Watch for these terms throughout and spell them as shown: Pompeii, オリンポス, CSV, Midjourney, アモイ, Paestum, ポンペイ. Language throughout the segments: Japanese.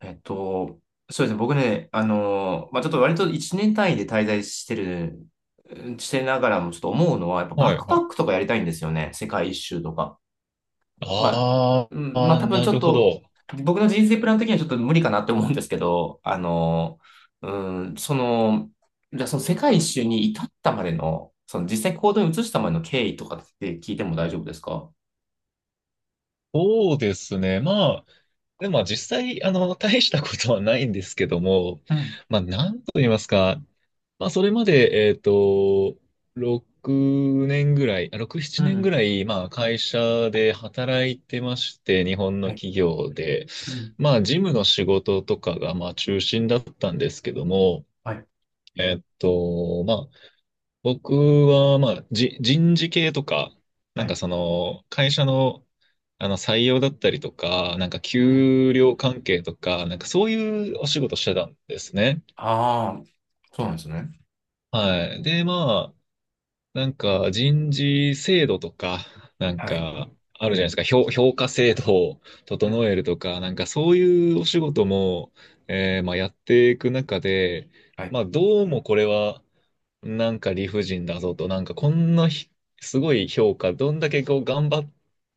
えっと、そうですね。僕ね、まあ、ちょっと割と1年単位で滞在してる、うんしてながらもちょっと思うのは、やっぱバはッいクはパックい。とかやりたいんですよね。世界一周とか。まあ、あうん、まああ、多分なちょっるほと、ど。僕の人生プラン的にはちょっと無理かなって思うんですけど、うん、その、じゃあその世界一周に至ったまでの、その実際行動に移したまでの経緯とかって聞いても大丈夫ですか？そうですね。まあ、でも実際、大したことはないんですけども、うん、まあ、なんと言いますか、まあ、それまで、6年ぐらい、あ6、7う年ぐん、らい、まあ、会社で働いてまして、日本のはい、企業で、うん、まあ、事務の仕事とかが、まあ、中心だったんですけども、はい、まあ、僕は、まあ、人事系とか、なはんかい、その、会社の、採用だったりとか、なんかうん。給料関係とか、なんかそういうお仕事してたんですね。ああ、そうなんですね。はい。で、まあ、なんか人事制度とか、なんはい。かあるじゃないですか、評価制度をう整えん。るとか、なんかそういうお仕事も、まあ、やっていく中で、はい。まあどうもこれはなんか理不尽だぞと、なんかこんなすごい評価、どんだけこう頑張っ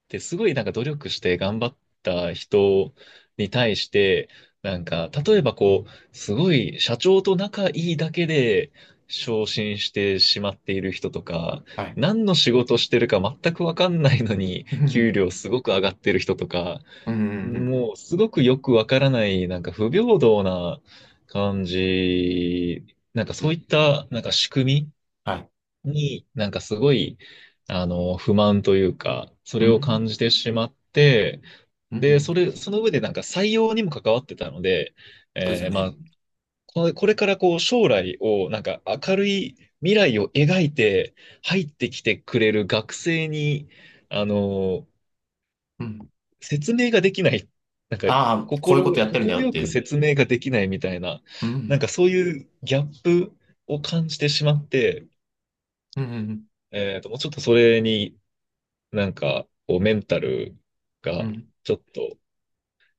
て、すごいなんか努力して頑張った人に対して、なんか例えばこう、すごい社長と仲いいだけで、昇進してしまっている人とか、はい。何の仕事してるか全くわかんないのに、う給ん。料すごく上がってる人とか、うん。うん。もうすごくよくわからない、なんか不平等な感じ、なんかうそういんった、なんか仕組はい。みに、なんかすごい、不満というか、そうれを感ん。じてしまって、うん。うで、んその上でなんか採用にも関わってたので、そうですえーまね。あ、これからこう将来をなんか明るい未来を描いて入ってきてくれる学生に、あの、うん。説明ができない、なんかああ、こういうことやってるんだ心よっよていくう。説明ができないみたいな、うなんん。かそういうギャップを感じてしまって、うん。うん。もうちょっとそれになんかこうメンタルうがん。ちょっと、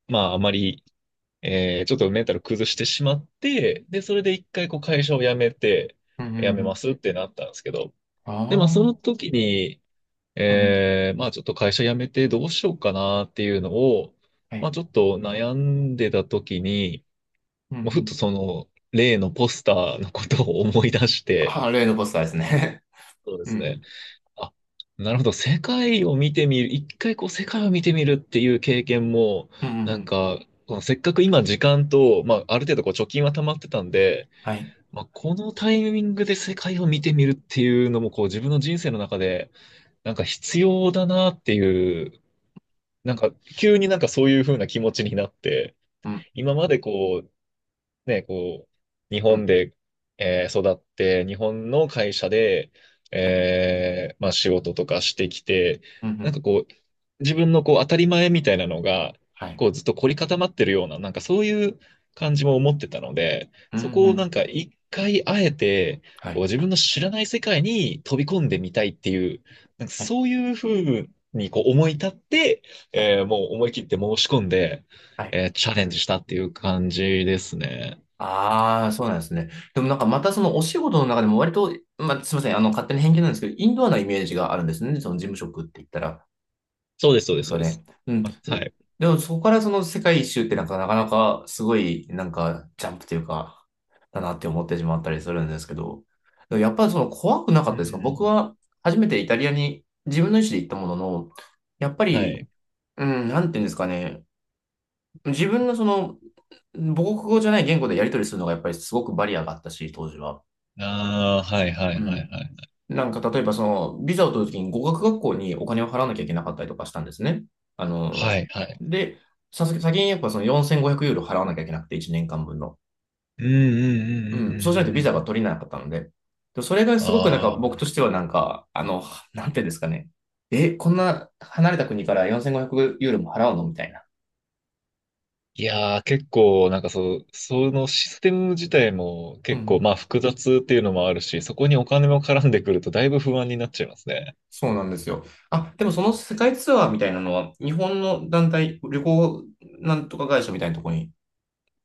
まああまりちょっとメンタル崩してしまって、で、それで一回こう会社を辞めて、うん。う辞めまんすってなったんですけど、で、まあそのあ時に、あー。うん。まあちょっと会社辞めてどうしようかなっていうのを、はまあい。ちょっと悩んでた時に、うん。うまあ、ふっとんその例のポスターのことを思い出して、ああ、例のポスターですね。そう でうすね。ん。あ、なるほど。世界を見てみる。一回こう世界を見てみるっていう経験も、うん。うん。うなんんか、このせっかく今時間と、まあある程度こう貯金は溜まってたんで、はい。まあこのタイミングで世界を見てみるっていうのもこう自分の人生の中で、なんか必要だなっていう、なんか急になんかそういう風な気持ちになって、うん。今までこうね、こう、日うん。本で、育って、日本の会社で、まあ、仕事とかしてきて、うん。うなんんかこう、自分のこう当たり前みたいなのが、はい。こうずっと凝り固まってるような、なんかそういう感じも思ってたので、うん。うそこをんなんか一回あえて、はこうい。自分の知らない世界に飛び込んでみたいっていう、なんかはい。そういうふうにこう思い立って、はい。もう思い切って申し込んで、はいチャレンジしたっていう感じですね。ああ、そうなんですね。でもなんかまたそのお仕事の中でも割と、まあ、すみません、勝手に偏見なんですけど、インドアなイメージがあるんですね。その事務職って言ったら、そうです、そそううでです、すそかうでね。す。うん。で、あ、はい。でもそこからその世界一周ってなんかなかなかすごいなんかジャンプというか、だなって思ってしまったりするんですけど、でもやっぱりその怖くなかうっんたうんですか？う僕ん。は初めてイタリアに自分の意思で行ったものの、やっぱはり、い。うん、なんていうんですかね。自分のその、母国語じゃない言語でやり取りするのがやっぱりすごくバリアがあったし、当時は。ああ、はいはいうはいん。はい。なんか例えばその、ビザを取るときに語学学校にお金を払わなきゃいけなかったりとかしたんですね。あはの、い、はい。で、さす先にやっぱその4500ユーロ払わなきゃいけなくて、1年間分の。うんうんうんううんん。そうしないとうんうんうビザがん。取れなかったので。でそれがすごくなんかああ、僕としてはなんか、なんていうんですかね。え、こんな離れた国から4500ユーロも払うのみたいな。いやー、結構、なんかそう、そのシステム自体もう結構、んまあ複雑っていうのもあるし、そこにお金も絡んでくるとだいぶ不安になっちゃいますね。そうなんですよ。あ、でもその世界ツアーみたいなのは、日本の団体、旅行なんとか会社みたいなところに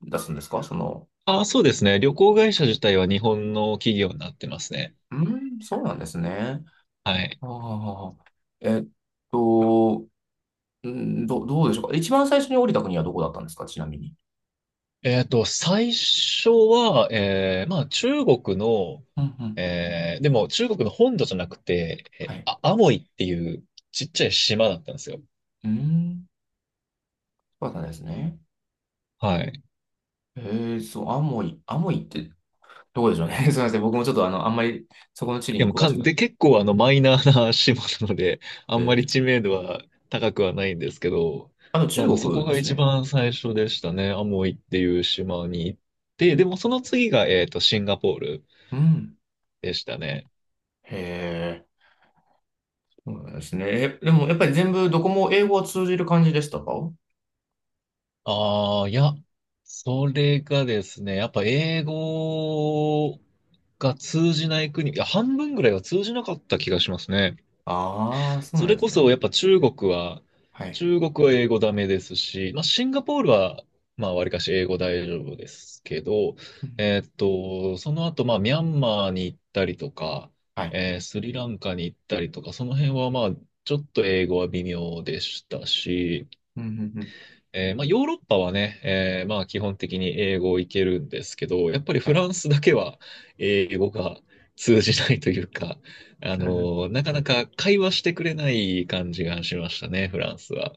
出すんですかその？ああ、そうですね。旅行会社自体は日本の企業になってますね。うん、そうなんですね。はい。ああ、えっと、うんどうでしょうか。一番最初に降りた国はどこだったんですかちなみに？最初は、まあ、中国の、うんうん。でも中国の本土じゃなくて、はい。あ、アモイっていうちっちゃい島だったんですよ。うん、そうだったんですね。はい。えー、そう、アモイ、アモイってどこでしょうね。すみません。僕もちょっとあんまりそこの地理でにも詳かしくん、なで、くて。結構マイナーな 島なので、あえんまりー、知名度は高くはないんですけど、あとま中あ、もうそこ国でがす一ね。番最初でしたね。アモイっていう島に行って、でもその次が、シンガポールうん。でしたね。へえ。そうなんですね。え、でもやっぱり全部どこも英語は通じる感じでしたか？ああ、いや、それがですね、やっぱ英語が通じない国、いや、半分ぐらいは通じなかった気がしますね。ああー、そうそなんれですこそね。やっぱはい。中国は英語ダメですし、まあシンガポールは、まあわりかし英語大丈夫ですけど、うんその後まあミャンマーに行ったりとか、はい。スリランカに行ったりとか、その辺はまあちょっと英語は微妙でしたし、うんうんうんまあ、ヨーロッパはね、まあ、基本的に英語をいけるんですけど、やっぱりはフい。ランスだけは英語が通じないというか、あのなかなか会話してくれない感じがしましたね、フランスは。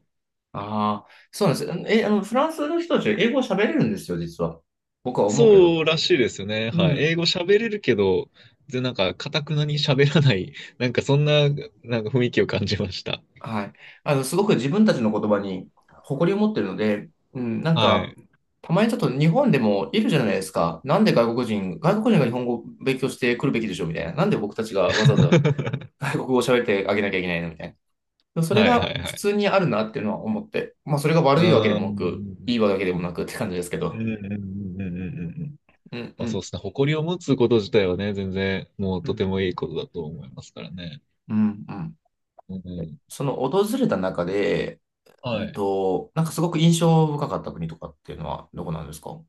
ああー、そうなんです。え、フランスの人たちは英語を喋れるんですよ、実は。僕は思うけど。そうらしいですよね。うはい。ん。英語喋れるけど、で、なんか、かたくなに喋らない、なんかそんな、なんか雰囲気を感じました。はい。すごく自分たちの言葉に誇りを持ってるので、うん、なんはか、い。たまにちょっと日本でもいるじゃないですか。なんで外国人、外国人が日本語を勉強してくるべきでしょうみたいな。なんで僕たちがわざわざ 外国語を喋ってあげなきゃいけないのみたいな。それはいはがいは普通い。にあるなっていうのは思って、まあそれがう悪いわけでーもなく、いいん。わけでもなくって感じですけうんど。うんうんうんうんうんん。うんまうあそうん。ですね。誇りを持つこと自体はね、全然もううとんてもいいことだと思いますからね。うんうん。うん。その訪れた中で、うはんい。と、なんかすごく印象深かった国とかっていうのはどこなんですか？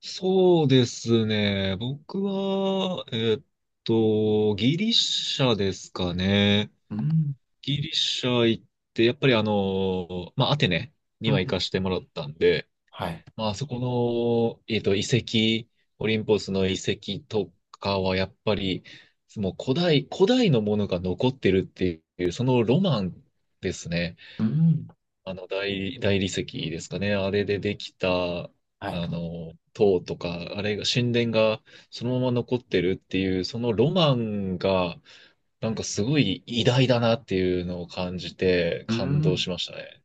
そうですね。僕は、ギリシャですかね。うん、ギリシャ行って、やっぱりまあアテネうには行かん、してもらったんで、はい。まああそこの、遺跡、オリンポスの遺跡とかはやっぱり、もう古代、古代のものが残ってるっていう、そのロマンですね。うん、あの大理石ですかね。あれでできた、あはい。の、塔とか、あれが、神殿がそのまま残ってるっていう、そのロマンが、なんかすごい偉大だなっていうのを感じて、う感動ん。しましたね。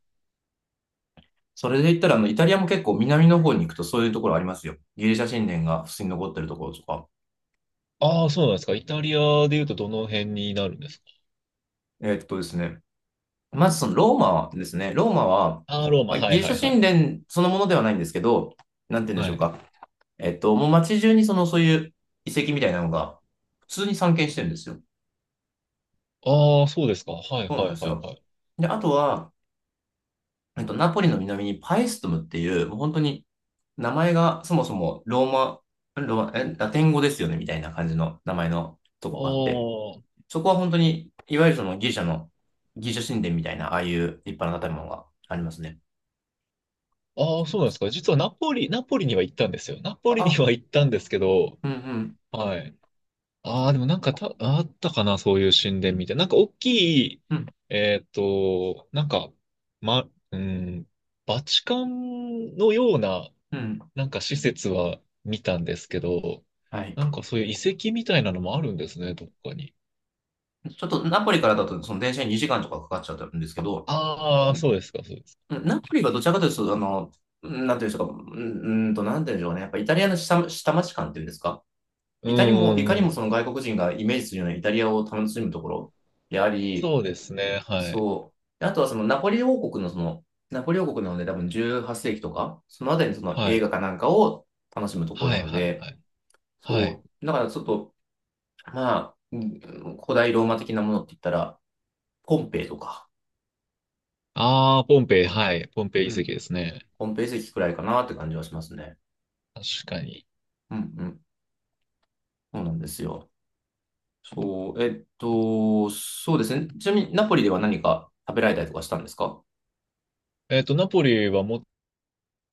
それで言ったら、イタリアも結構南の方に行くとそういうところありますよ。ギリシャ神殿が普通に残ってるところとか。ああ、そうなんですか。イタリアで言うとどの辺になるんですか？ですね、まずそのローマですね。ローマは、ああー、ローマ。まあ、はギいリシはいャはいは神い。殿そのものではないんですけど、なんて言うんでしはょうい。か。もう街中にその、そういう遺跡みたいなのが、普通に散見してるんですよ。ああ、そうですか。はいそうはなんでいすはいよ。はい。で、あとは、ナポリの南にパエストムっていう、もう本当に名前がそもそもローマ、ローマ、え、ラテン語ですよね、みたいな感じの名前のとあこがあって、あ。そこは本当に、いわゆるそのギリシャの、ギリシャ神殿みたいな、ああいう立派な建物がありますね。あそあ、うそうでなんですすか。実はナポリには行ったんですよ。ナポリにあ、は行ったんですけど、うんうんはい。ああ、でもなんかあったかな、そういう神う殿みんたいな。なんか大きい、うんなんか、うん、バチカンのような、うんなんか施設は見たんですけど、はい。なんかそういう遺跡みたいなのもあるんですね、どっかに。ちょっとナポリからだと、その電車に2時間とかかかっちゃうんですけど、あうあ、んそうですか、そうですか。うんナポリがどちらかというと、うんなんていうんでしょうか、うんうんと、なんていうんでしょうね、やっぱイタリアの下町感っていうんですか、うん、いかにうも、いかにんうもん、その外国人がイメージするようなイタリアを楽しむところであり、そうですね、はい。そう、あとはそのナポリ王国のその、ナポリ王国なので多分18世紀とか、そのあたりにそのは映い。画かなんかを楽しむところはない、のはい、はで、い。はい。そう、だからちょっと、まあ、古代ローマ的なものって言ったら、ポンペイとか、ああ、ポンペイ、うん、はい。ポンペイう遺跡ん、ですね。ポンペイ遺跡くらいかなって感じはしますね。確かに。うん、うん、そうなんですよ。そう、そうですね。ちなみに、ナポリでは何か食べられたりとかしたんですか？ナポリはも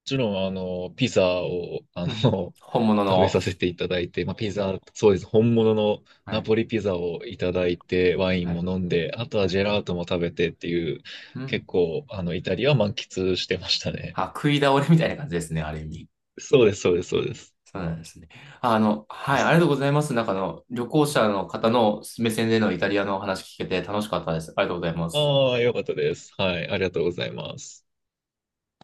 ちろん、ピザを、うん、本物食べの。させていただいて、まあ、ピザ、そうです。本物のはナい、ポリピザをいただいて、ワイはンもい、飲んで、あとははジい。ェラートも食べてっていう、うん。結構、イタリアは満喫してましたね。あ、食い倒れみたいな感じですね、ある意味。そうです、そうです、そうです。そうなんですね。はい、ありがとうございます。なんかあの、旅行者の方の目線でのイタリアのお話聞けて楽しかったです。ありがとうございます。ああ、よかったです。はい、ありがとうございます。